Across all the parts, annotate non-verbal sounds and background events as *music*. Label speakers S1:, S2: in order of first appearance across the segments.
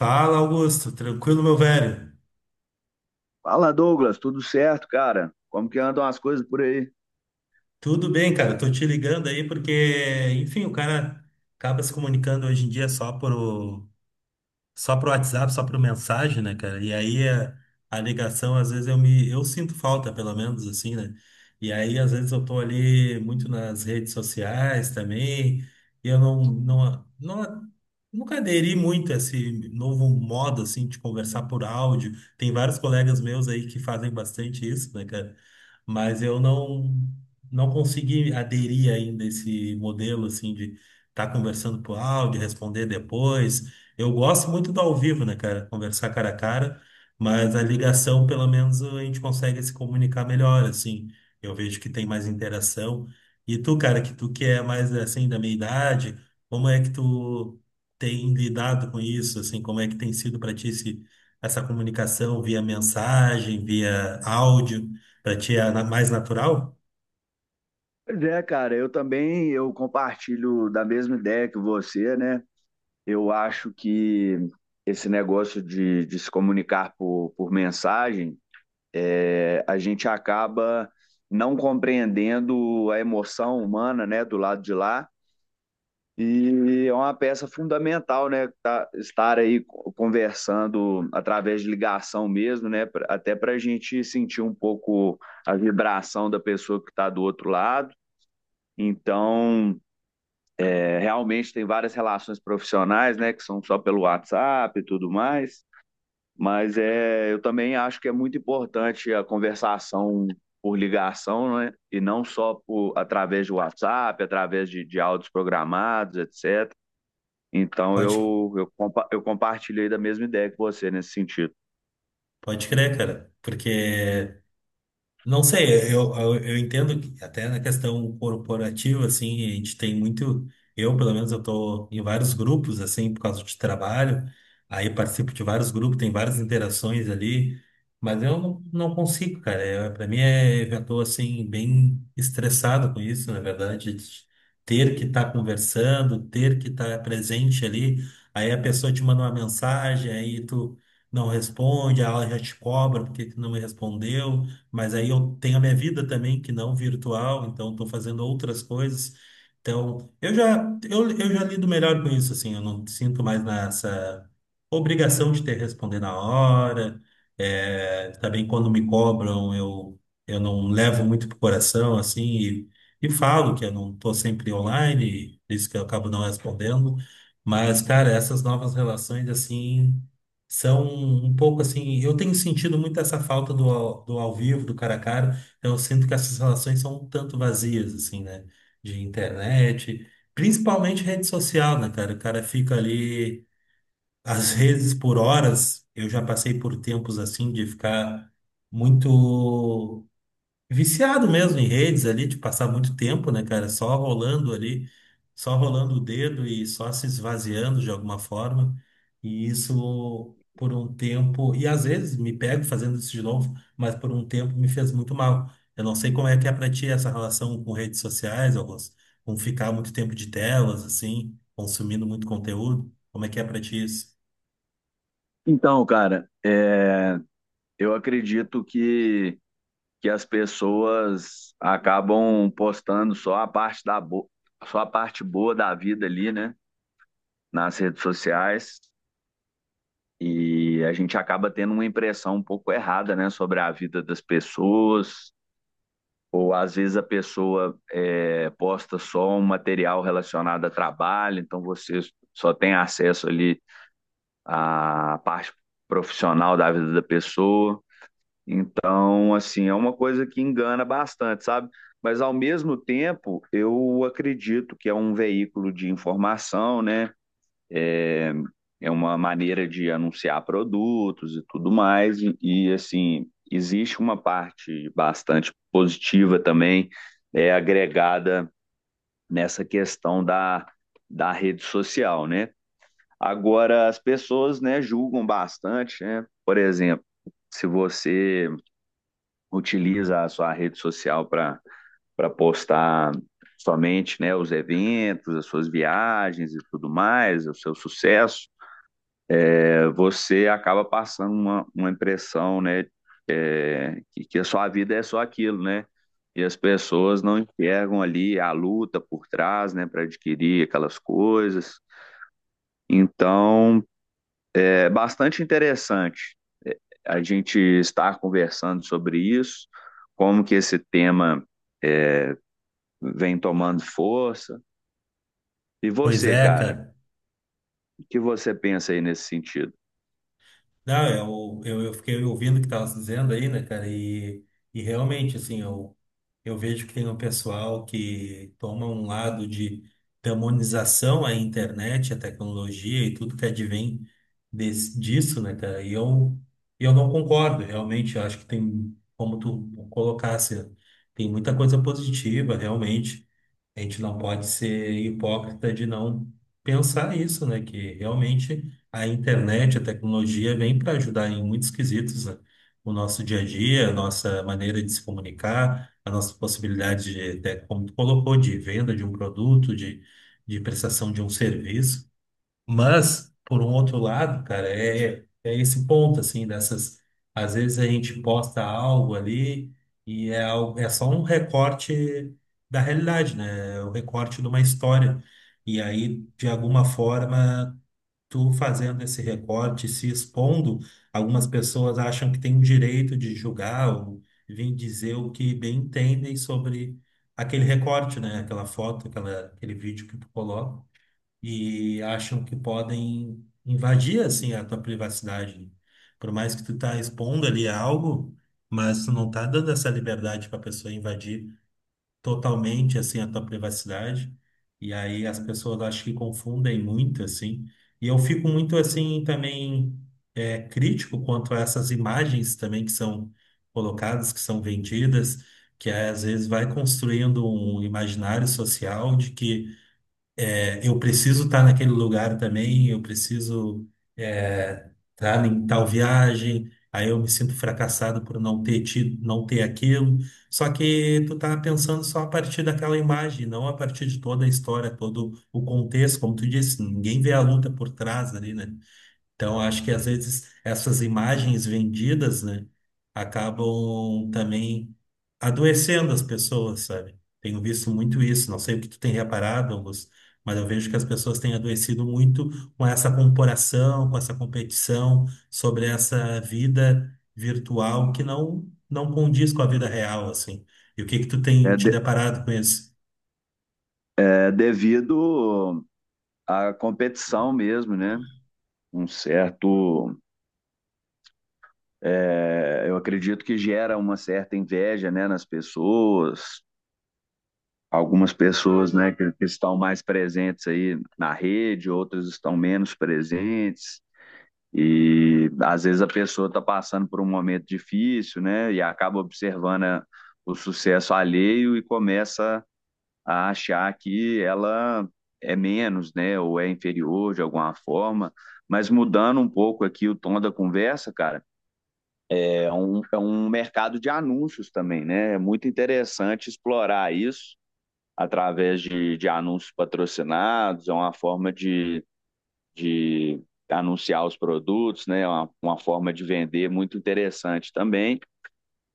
S1: Fala, Augusto. Tranquilo, meu velho?
S2: Fala, Douglas, tudo certo, cara? Como que andam as coisas por aí?
S1: Tudo bem, cara. Tô te ligando aí porque, enfim, o cara acaba se comunicando hoje em dia só pro WhatsApp, só pro mensagem, né, cara? E aí a ligação, às vezes eu me, eu sinto falta, pelo menos assim, né? E aí às vezes eu tô ali muito nas redes sociais também, e eu nunca aderi muito a esse novo modo assim de conversar por áudio. Tem vários colegas meus aí que fazem bastante isso, né, cara? Mas eu não não consegui aderir ainda a esse modelo assim de estar conversando por áudio, responder depois. Eu gosto muito do ao vivo, né, cara? Conversar cara a cara, mas a ligação, pelo menos, a gente consegue se comunicar melhor, assim. Eu vejo que tem mais interação. E tu, cara, que tu que é mais, assim, da minha idade, como é que tu tem lidado com isso, assim? Como é que tem sido para ti essa comunicação via mensagem, via áudio? Para ti é mais natural?
S2: Pois é, cara, eu também eu compartilho da mesma ideia que você, né? Eu acho que esse negócio de se comunicar por mensagem, a gente acaba não compreendendo a emoção humana, né, do lado de lá. E é uma peça fundamental, né? Estar aí conversando através de ligação mesmo, né? Até para a gente sentir um pouco a vibração da pessoa que está do outro lado. Então, realmente tem várias relações profissionais, né? Que são só pelo WhatsApp e tudo mais. Mas é, eu também acho que é muito importante a conversação por ligação, né? E não só por, através do WhatsApp, através de áudios programados, etc. Então
S1: Pode,
S2: eu compartilhei da mesma ideia que você nesse sentido.
S1: pode crer, cara. Porque não sei, eu entendo que até na questão corporativa, assim, a gente tem muito. Eu, pelo menos, eu tô em vários grupos, assim, por causa de trabalho, aí participo de vários grupos, tem várias interações ali, mas eu não consigo, cara. Eu, pra mim, é, eu já tô, assim, bem estressado com isso, na verdade, de ter que estar conversando, ter que estar presente ali, aí a pessoa te manda uma mensagem, aí tu não responde, aí ela já te cobra porque tu não me respondeu, mas aí eu tenho a minha vida também que não virtual, então estou fazendo outras coisas. Então, eu já lido melhor com isso, assim, eu não sinto mais nessa obrigação de ter que responder na hora. É, também quando me cobram, eu não levo muito pro coração, assim, e falo que eu não estou sempre online, e por isso que eu acabo não respondendo. Mas, cara, essas novas relações, assim, são um pouco assim. Eu tenho sentido muito essa falta do, do ao vivo, do cara a cara. Então, eu sinto que essas relações são um tanto vazias, assim, né? De internet, principalmente rede social, né, cara? O cara fica ali, às *laughs* vezes, por horas. Eu já passei por tempos assim de ficar muito viciado mesmo em redes ali, de passar muito tempo, né, cara? Só rolando ali, só rolando o dedo e só se esvaziando de alguma forma. E isso por um tempo, e às vezes me pego fazendo isso de novo, mas por um tempo me fez muito mal. Eu não sei como é que é pra ti essa relação com redes sociais, Augusto, com ficar muito tempo de telas, assim, consumindo muito conteúdo. Como é que é pra ti isso?
S2: Então, cara, é, eu acredito que as pessoas acabam postando só a parte boa da vida ali, né, nas redes sociais, e a gente acaba tendo uma impressão um pouco errada, né, sobre a vida das pessoas, ou às vezes a pessoa posta só um material relacionado a trabalho, então você só tem acesso ali a parte profissional da vida da pessoa. Então, assim, é uma coisa que engana bastante, sabe? Mas, ao mesmo tempo, eu acredito que é um veículo de informação, né? É, é uma maneira de anunciar produtos e tudo mais. Assim, existe uma parte bastante positiva também, é agregada nessa questão da rede social, né? Agora, as pessoas, né, julgam bastante, né? Por exemplo, se você utiliza a sua rede social para postar somente, né, os eventos, as suas viagens e tudo mais, o seu sucesso, você acaba passando uma impressão, né, que a sua vida é só aquilo, né? E as pessoas não enxergam ali a luta por trás, né, para adquirir aquelas coisas. Então, é bastante interessante a gente estar conversando sobre isso, como que esse tema vem tomando força. E
S1: Pois
S2: você,
S1: é,
S2: cara,
S1: cara.
S2: o que você pensa aí nesse sentido?
S1: Não, eu fiquei ouvindo o que estava dizendo aí, né, cara? E realmente, assim, eu vejo que tem um pessoal que toma um lado de demonização à internet, à tecnologia e tudo que advém disso, né, cara? E eu não concordo, realmente. Eu acho que tem, como tu colocasse, tem muita coisa positiva, realmente. A gente não pode ser hipócrita de não pensar isso, né? Que realmente a internet, a tecnologia vem para ajudar em muitos quesitos, né? O nosso dia a dia, a nossa maneira de se comunicar, a nossa possibilidade de, até como tu colocou, de venda de um produto, de prestação de um serviço. Mas, por um outro lado, cara, é esse ponto, assim, dessas. Às vezes a gente posta algo ali e é só um recorte da realidade, né? É o recorte de uma história. E aí, de alguma forma, tu fazendo esse recorte, se expondo, algumas pessoas acham que tem o direito de julgar ou vir dizer o que bem entendem sobre aquele recorte, né? Aquela foto, aquele vídeo que tu coloca e acham que podem invadir assim a tua privacidade. Por mais que tu tá expondo ali algo, mas tu não tá dando essa liberdade para a pessoa invadir totalmente assim a tua privacidade. E aí as pessoas acho que confundem muito assim. E eu fico muito assim também crítico quanto a essas imagens também que são colocadas, que são vendidas, que às vezes vai construindo um imaginário social de que eu preciso estar naquele lugar também, eu preciso estar em tal viagem, aí eu me sinto fracassado por não ter tido, não ter aquilo. Só que tu tá pensando só a partir daquela imagem, não a partir de toda a história, todo o contexto, como tu disse, ninguém vê a luta por trás ali, né? Então, acho que às vezes essas imagens vendidas, né, acabam também adoecendo as pessoas, sabe? Tenho visto muito isso. Não sei o que tu tem reparado, Augusto, mas eu vejo que as pessoas têm adoecido muito com essa comparação, com essa competição sobre essa vida virtual que não condiz com a vida real, assim. E o que que tu tem
S2: É,
S1: te
S2: de,
S1: deparado com isso?
S2: é devido à competição mesmo, né? Um certo, eu acredito que gera uma certa inveja, né, nas pessoas. Algumas pessoas, né, que estão mais presentes aí na rede, outras estão menos presentes. E às vezes a pessoa está passando por um momento difícil, né? E acaba observando o sucesso alheio e começa a achar que ela é menos, né? Ou é inferior de alguma forma. Mas mudando um pouco aqui o tom da conversa, cara, é um mercado de anúncios também, né? É muito interessante explorar isso através de anúncios patrocinados, é uma forma de anunciar os produtos, né? É uma forma de vender muito interessante também.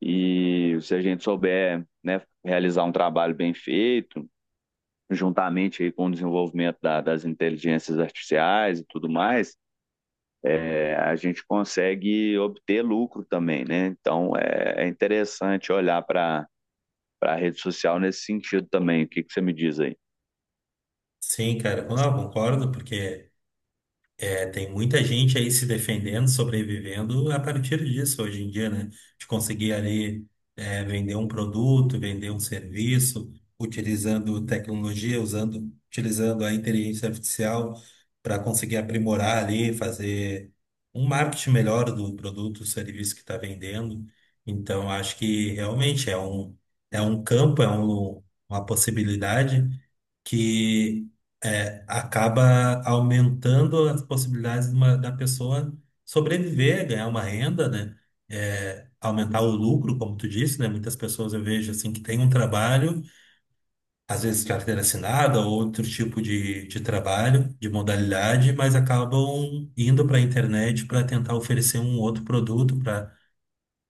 S2: E se a gente souber, né, realizar um trabalho bem feito, juntamente aí com o desenvolvimento das inteligências artificiais e tudo mais, a gente consegue obter lucro também, né? Então é, é interessante olhar para a rede social nesse sentido também. O que você me diz aí?
S1: Sim, cara, não, eu concordo, porque é, tem muita gente aí se defendendo, sobrevivendo a partir disso hoje em dia, né? De conseguir ali vender um produto, vender um serviço, utilizando tecnologia, utilizando a inteligência artificial para conseguir aprimorar ali, fazer um marketing melhor do produto, do serviço que está vendendo. Então, acho que realmente é um campo, uma possibilidade que acaba aumentando as possibilidades de da pessoa sobreviver, ganhar uma renda, né? É, aumentar o lucro, como tu disse, né? Muitas pessoas eu vejo assim que têm um trabalho, às vezes carteira assinada ou outro tipo de trabalho, de modalidade, mas acabam indo para a internet para tentar oferecer um outro produto,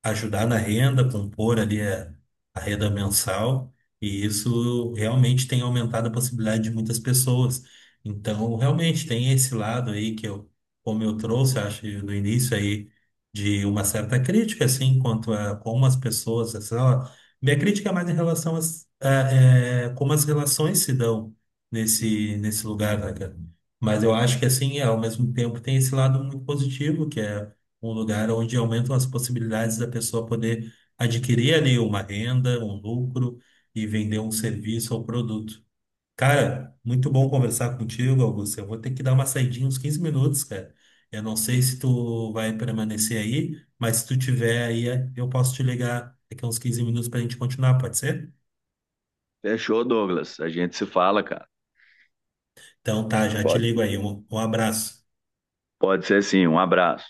S1: ajudar na renda, compor ali a renda mensal, e isso realmente tem aumentado a possibilidade de muitas pessoas. Então, realmente tem esse lado aí que eu, como eu trouxe, acho, no início aí, de uma certa crítica, assim, quanto a como as pessoas, assim, ó, minha crítica é mais em relação como as relações se dão nesse lugar, né, cara? Mas eu acho que, assim, ao mesmo tempo tem esse lado muito positivo, que é um lugar onde aumentam as possibilidades da pessoa poder adquirir ali uma renda, um lucro e vender um serviço ou produto. Cara, muito bom conversar contigo, Augusto. Eu vou ter que dar uma saidinha uns 15 minutos, cara. Eu não sei se tu vai permanecer aí, mas se tu tiver aí, é, eu posso te ligar daqui a uns 15 minutos pra gente continuar, pode ser?
S2: Fechou, Douglas. A gente se fala, cara.
S1: Então tá, já te ligo
S2: Pode,
S1: aí. Um abraço.
S2: pode ser sim. Um abraço.